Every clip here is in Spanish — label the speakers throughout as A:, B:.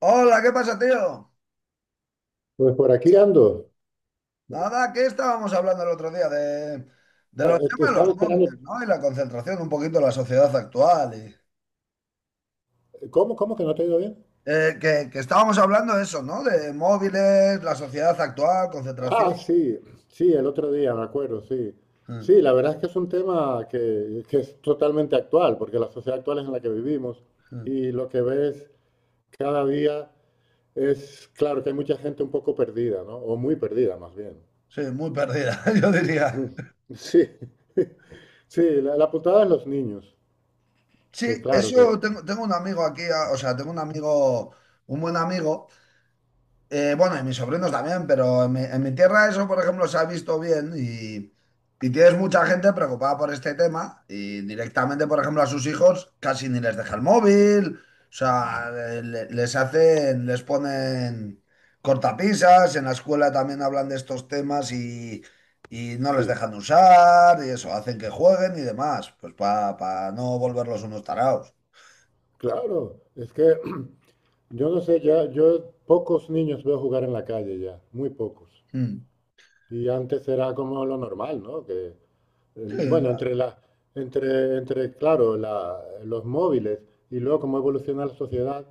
A: Hola, ¿qué pasa, tío?
B: Pues por aquí ando.
A: Nada, que estábamos hablando el otro día de los temas de
B: Estaba
A: los
B: esperando.
A: móviles, ¿no? Y la concentración, un poquito la sociedad actual. y-
B: ¿Cómo, cómo que no te ha ido bien?
A: eh, que, que estábamos hablando de eso, ¿no? De móviles, la sociedad actual, concentración.
B: Ah, sí, sí, el otro día, me acuerdo, sí.
A: Mm,
B: Sí, la verdad es que es un tema que es totalmente actual, porque la sociedad actual es en la que vivimos
A: mm.
B: y lo que ves cada día es, claro, que hay mucha gente un poco perdida, ¿no? O muy perdida, más bien.
A: Sí, muy perdida, yo diría.
B: Sí, sí, la putada de los niños, que
A: Sí,
B: claro que,
A: eso tengo, un amigo aquí, o sea, tengo un amigo, un buen amigo. Bueno, y mis sobrinos también, pero en mi, tierra eso, por ejemplo, se ha visto bien, y tienes mucha gente preocupada por este tema y directamente, por ejemplo, a sus hijos casi ni les deja el móvil, o sea, les hacen, les ponen cortapisas, en la escuela también hablan de estos temas, y no les
B: sí,
A: dejan usar y eso, hacen que jueguen y demás, pues para no volverlos unos tarados.
B: claro, es que yo no sé, ya, yo pocos niños veo jugar en la calle ya, muy pocos.
A: Mm.
B: Y antes era como lo normal, ¿no? Que,
A: Sí,
B: bueno,
A: la-
B: entre la, entre, entre, claro, los móviles y luego cómo evoluciona la sociedad,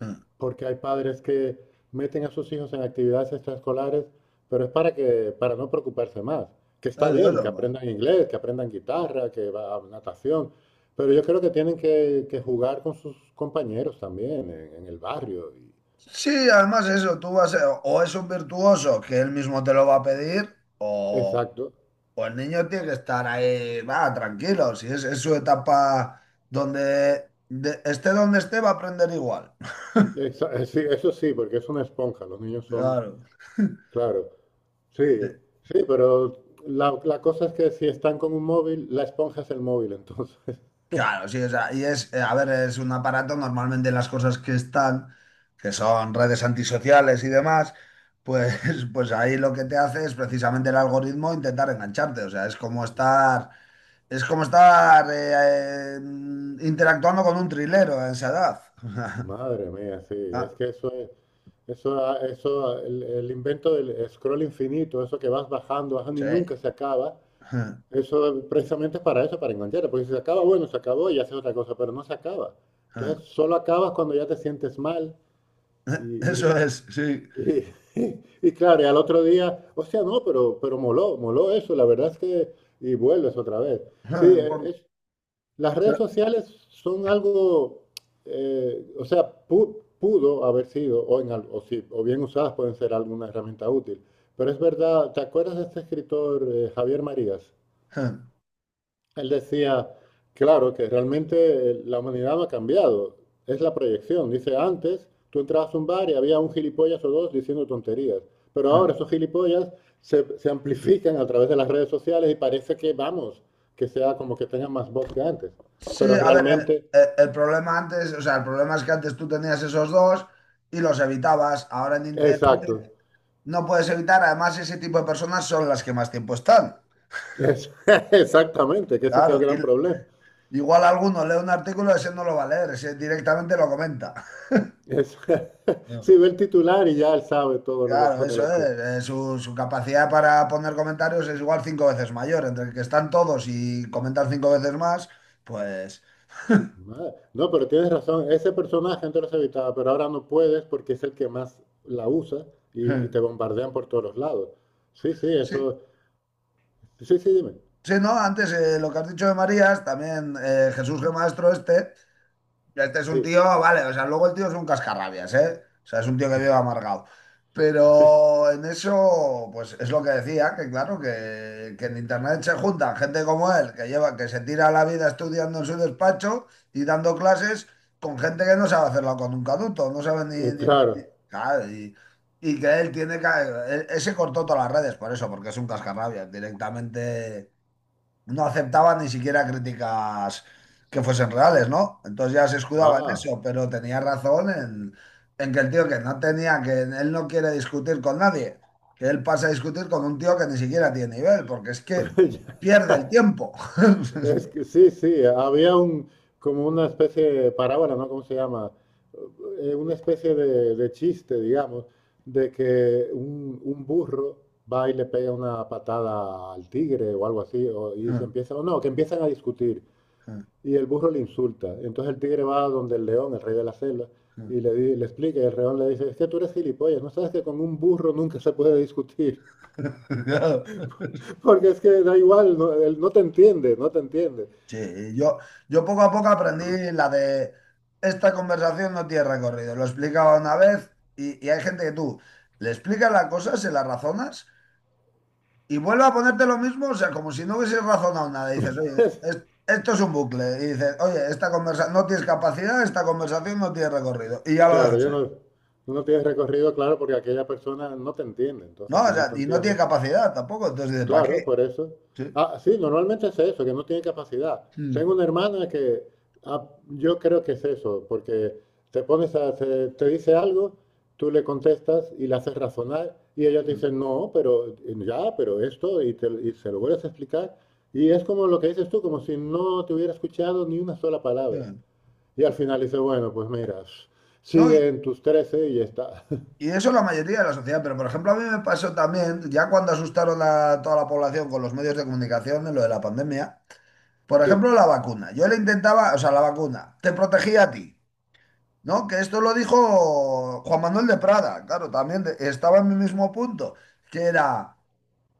A: mm.
B: porque hay padres que meten a sus hijos en actividades extraescolares, pero es para no preocuparse más. Que está
A: Es
B: bien, que
A: eso.
B: aprendan inglés, que aprendan guitarra, que va a natación, pero yo creo que tienen que jugar con sus compañeros también en el barrio.
A: Sí, además eso, tú vas o es un virtuoso que él mismo te lo va a pedir, o,
B: Exacto.
A: o el niño tiene que estar ahí, va, tranquilo, si es su etapa, donde esté donde esté, va a aprender igual.
B: Sí, eso sí, porque es una esponja, los niños son,
A: Claro.
B: claro, sí,
A: Sí.
B: sí, pero la cosa es que si están con un móvil, la esponja es el móvil, entonces,
A: Claro, sí, o sea, y es, a ver, es un aparato, normalmente las cosas que están, que son redes antisociales y demás, pues, pues ahí lo que te hace es precisamente el algoritmo intentar engancharte, o sea, es como estar interactuando con un trilero en esa edad.
B: madre mía, sí, es
A: Ah,
B: que eso es, eso, ha- el invento del scroll infinito, eso que vas bajando, bajando y
A: sí.
B: nunca se acaba, eso precisamente es para eso, para engancharte, porque si se acaba, bueno, se acabó y haces otra cosa, pero no se acaba. Entonces, solo acabas cuando ya te sientes mal.
A: Eso es, sí.
B: Y y claro, y al otro día, o sea, no, pero moló, moló eso, la verdad es que, y vuelves otra vez. Sí,
A: Por-
B: las redes sociales son algo, o sea, pudo haber sido, o, en al- o, si- o bien usadas pueden ser alguna herramienta útil, pero es verdad, ¿te acuerdas de este escritor Javier Marías? Él decía, claro, que realmente la humanidad no ha cambiado, es la proyección. Dice, antes tú entrabas a un bar y había un gilipollas o dos diciendo tonterías, pero ahora esos gilipollas se amplifican a través de las redes sociales y parece que, vamos, que sea como que tengan más voz que antes.
A: Sí,
B: Pero
A: a ver, el,
B: realmente,
A: el problema antes, o sea, el problema es que antes tú tenías esos dos y los evitabas. Ahora en
B: exacto,
A: Internet no puedes evitar, además ese tipo de personas son las que más tiempo están.
B: es- exactamente, que ese es el
A: Claro, y
B: gran problema.
A: igual alguno lee un artículo, ese no lo va a leer, ese directamente lo comenta.
B: Es,
A: No.
B: si ve el titular y ya él sabe todo lo que
A: Claro,
B: pone el
A: eso
B: artículo.
A: es. Su capacidad para poner comentarios es igual cinco veces mayor. Entre que están todos y comentan cinco veces más, pues.
B: Madre. No, pero tienes razón. Ese personaje antes los evitaba, pero ahora no puedes porque es el que más la usa y te bombardean por todos los lados. Sí, sí,
A: Sí,
B: eso. Sí, sí, dime.
A: sí, no, antes lo que has dicho de Marías, también Jesús G. Maestro este. Este es un
B: Sí,
A: tío, vale, o sea, luego el tío es un cascarrabias, ¿eh? O sea, es un tío que vive amargado. Pero en eso, pues es lo que decía, que claro, que en internet se juntan gente como él, que lleva, que se tira la vida estudiando en su despacho y dando clases con gente que no sabe hacerlo con un caduto, no sabe
B: claro.
A: claro, y que él tiene que, él se cortó todas las redes por eso, porque es un cascarrabias, directamente no aceptaban ni siquiera críticas que fuesen reales, ¿no? Entonces ya se escudaba en
B: Ah,
A: eso, pero tenía razón en que el tío que no tenía, que él no quiere discutir con nadie, que él pasa a discutir con un tío que ni siquiera tiene nivel, porque es que pierde el tiempo.
B: es que sí, sí. Había un como una especie de parábola, ¿no? ¿Cómo se llama? Una especie de chiste, digamos, de que un burro va y le pega una patada al tigre o algo así, y se empieza, o no, que empiezan a discutir. Y el burro le insulta. Entonces el tigre va donde el león, el rey de la selva, y le, le explica, y el león le dice, es que tú eres gilipollas, no sabes que con un burro nunca se puede discutir, porque es que da igual, no, él no te entiende, no te entiende.
A: Sí, yo poco a poco aprendí la de esta conversación no tiene recorrido. Lo explicaba una vez, y hay gente que tú le explicas la cosa, se la razonas, y vuelve a ponerte lo mismo, o sea, como si no hubieses razonado nada. Dices, oye, esto es un bucle. Y dices, oye, esta conversación no tienes capacidad, esta conversación no tiene recorrido. Y ya lo
B: Claro,
A: dejas
B: yo no,
A: ahí.
B: no tienes recorrido, claro, porque aquella persona no te entiende,
A: No,
B: entonces si
A: o
B: no
A: sea,
B: te
A: y no tiene
B: entiende.
A: capacidad tampoco. Entonces dices, ¿para
B: Claro,
A: qué?
B: por eso.
A: Sí.
B: Ah, sí, normalmente es eso, que no tiene capacidad.
A: Mm.
B: Tengo una hermana que ah, yo creo que es eso, porque te pones a te dice algo, tú le contestas y la haces razonar y ella te
A: Mm,
B: dice, no, pero ya, pero esto, y se lo vuelves a explicar. Y es como lo que dices tú, como si no te hubiera escuchado ni una sola
A: ya.
B: palabra.
A: Mm,
B: Y al final dice, bueno, pues mira,
A: no, y,
B: sigue en tus trece y ya está.
A: y eso la mayoría de la sociedad, pero por ejemplo, a mí me pasó también, ya cuando asustaron a toda la población con los medios de comunicación en lo de la pandemia, por
B: Sí.
A: ejemplo, la vacuna. Yo le intentaba, o sea, la vacuna te protegía a ti. No, que esto lo dijo Juan Manuel de Prada, claro, también estaba en mi mismo punto, que era,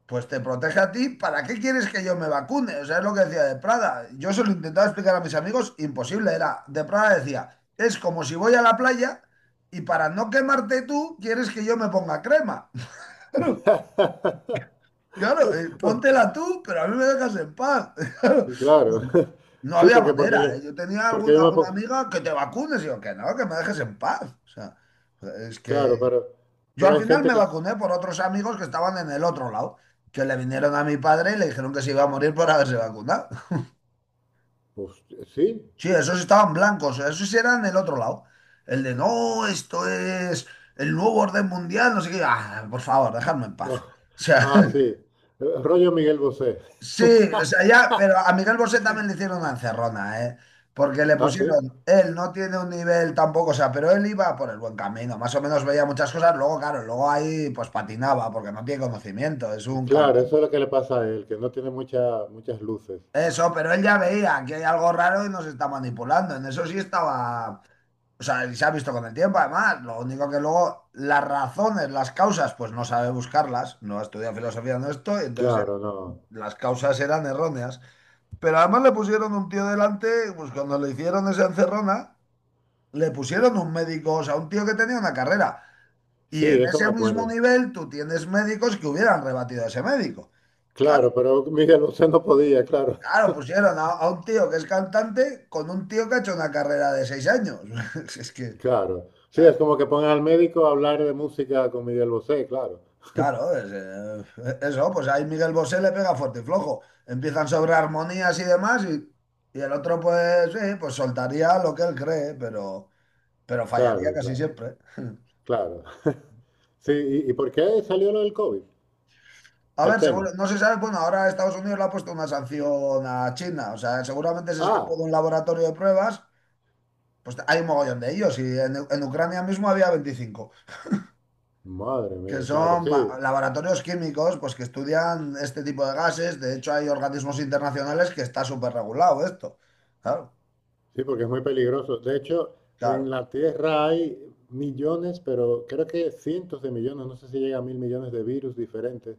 A: pues te protege a ti, ¿para qué quieres que yo me vacune? O sea, es lo que decía de Prada. Yo se lo intentaba explicar a mis amigos, imposible era. De Prada decía, es como si voy a la playa y, para no quemarte tú, quieres que yo me ponga crema. Claro, póntela tú, pero a mí me dejas en paz.
B: Y claro,
A: Claro. No
B: sí,
A: había
B: yo,
A: manera, ¿eh? Yo tenía
B: porque yo me
A: alguna
B: pongo.
A: amiga que te vacunes y yo que no, que me dejes en paz. O sea, es que
B: Claro,
A: yo
B: pero
A: al
B: hay
A: final
B: gente
A: me
B: que.
A: vacuné por otros amigos que estaban en el otro lado, que le vinieron a mi padre y le dijeron que se iba a morir por haberse vacunado.
B: Pues, sí,
A: Sí, esos estaban blancos, esos sí eran el otro lado. El de no, esto es el nuevo orden mundial, no sé qué. Ah, por favor, dejadme en paz.
B: ah,
A: O sea.
B: ah, sí, rollo Miguel Bosé.
A: Sí, o sea, ya, pero a Miguel Bosé también le hicieron una encerrona, ¿eh? Porque le
B: Ah, sí,
A: pusieron, él no tiene un nivel tampoco, o sea, pero él iba por el buen camino, más o menos veía muchas cosas, luego, claro, luego ahí pues patinaba, porque no tiene conocimiento, es un
B: claro,
A: cantante.
B: eso es lo que le pasa a él, que no tiene muchas luces.
A: Eso, pero él ya veía que hay algo raro y nos está manipulando, en eso sí estaba, o sea, y se ha visto con el tiempo, además, lo único que luego las razones, las causas, pues no sabe buscarlas, no ha estudiado filosofía, no esto, entonces
B: Claro, no.
A: las causas eran erróneas. Pero además le pusieron un tío delante, pues cuando le hicieron esa encerrona, le pusieron un médico, o sea, un tío que tenía una carrera.
B: Sí,
A: Y en
B: eso me
A: ese mismo
B: acuerdo.
A: nivel tú tienes médicos que hubieran rebatido a ese médico. Claro,
B: Claro, pero Miguel Bosé no podía, claro,
A: claro, pusieron a un tío que es cantante con un tío que ha hecho una carrera de 6 años. Es que,
B: claro. Sí, es
A: eh,
B: como que pongan al médico a hablar de música con Miguel Bosé, claro,
A: claro, es, eso, pues ahí Miguel Bosé le pega fuerte y flojo. Empiezan sobre armonías y demás, y el otro pues, sí, pues soltaría lo que él cree, pero, fallaría
B: claro,
A: casi
B: claro,
A: siempre.
B: claro. Sí, y por qué salió lo del COVID?
A: A ver,
B: El tema.
A: seguro no se sabe, bueno, ahora Estados Unidos le ha puesto una sanción a China, o sea, seguramente se escapó
B: Ah.
A: de un laboratorio de pruebas, pues hay un mogollón de ellos, y en Ucrania mismo había 25,
B: Madre
A: que
B: mía, claro,
A: son
B: sí,
A: laboratorios químicos, pues que estudian este tipo de gases. De hecho, hay organismos internacionales, que está súper regulado esto, claro,
B: sí, porque es muy peligroso. De hecho, en
A: claro,
B: la Tierra hay millones, pero creo que cientos de millones, no sé si llega a mil millones de virus diferentes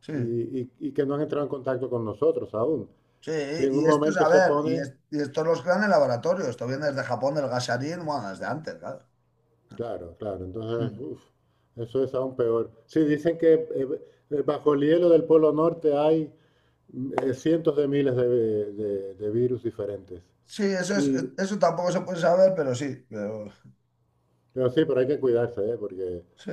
A: sí,
B: y que no han entrado en contacto con nosotros aún.
A: sí,
B: Si en un
A: y esto es,
B: momento
A: a
B: se
A: ver, y,
B: pone,
A: es- y esto los crean en laboratorio, esto viene desde Japón, del gasarín, bueno, desde antes, claro.
B: claro, claro,
A: Hmm.
B: entonces, uf, eso es aún peor. Sí, dicen que bajo el hielo del Polo Norte hay cientos de miles de virus diferentes.
A: Sí, eso es,
B: Y,
A: eso tampoco se puede saber, pero sí, pero.
B: pero sí, pero hay que cuidarse, ¿eh? Porque...
A: Sí.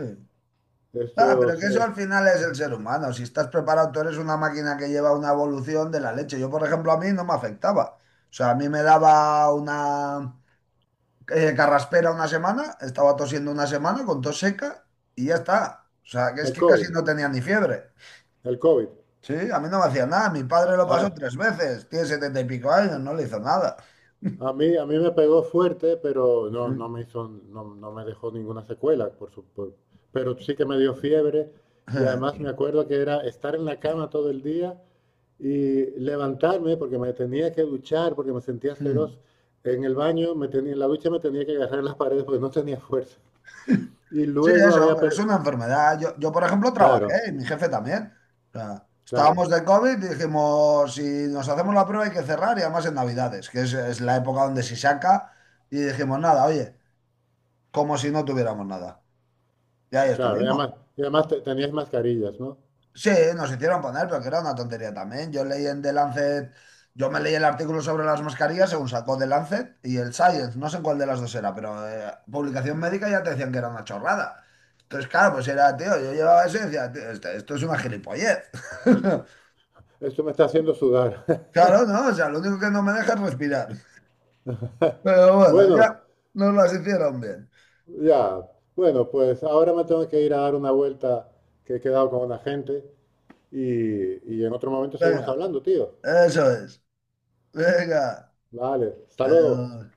A: Ah, pero
B: Estos,
A: que eso al final es el ser humano. Si estás preparado, tú eres una máquina que lleva una evolución de la leche. Yo, por ejemplo, a mí no me afectaba. O sea, a mí me daba una carraspera una semana, estaba tosiendo una semana con tos seca, y ya está. O sea, que es
B: el
A: que casi
B: COVID,
A: no tenía ni fiebre.
B: el COVID.
A: Sí, a mí no me hacía nada. Mi padre lo pasó
B: A,
A: tres veces. Tiene setenta y pico años, no le hizo nada.
B: a mí me pegó fuerte, pero no, no me hizo, no, no me dejó ninguna secuela, por supuesto. Pero sí que me dio fiebre y además me acuerdo que era estar en la cama todo el día y levantarme porque me tenía que duchar, porque me sentía
A: Mm.
B: asqueroso. En la ducha me tenía que agarrar las paredes porque no tenía fuerza. Y
A: Sí,
B: luego
A: eso,
B: había...
A: pero es
B: per-
A: una enfermedad. Yo, por ejemplo,
B: claro,
A: trabajé y mi jefe también. O sea,
B: claro,
A: estábamos de COVID y dijimos, si nos hacemos la prueba hay que cerrar, y además en Navidades, que es la época donde se saca. Y dijimos, nada, oye, como si no tuviéramos nada. Y ahí
B: claro.
A: estuvimos.
B: Y además te- tenías mascarillas, ¿no?
A: Sí, nos hicieron poner, pero que era una tontería también. Yo leí en The Lancet, yo me leí el artículo sobre las mascarillas según sacó The Lancet y el Science, no sé en cuál de las dos era, pero publicación médica ya te decían que era una chorrada. Entonces, claro, pues era, tío, yo llevaba eso y decía, "Tío, esto, es una gilipollez."
B: Esto me está haciendo sudar.
A: Claro, no, o sea, lo único que no me deja es respirar. Pero bueno,
B: Bueno,
A: ya nos las hicieron bien.
B: ya, bueno, pues ahora me tengo que ir a dar una vuelta que he quedado con una gente y en otro momento seguimos
A: Venga,
B: hablando, tío.
A: eso es. Venga,
B: Vale, hasta luego.
A: adiós.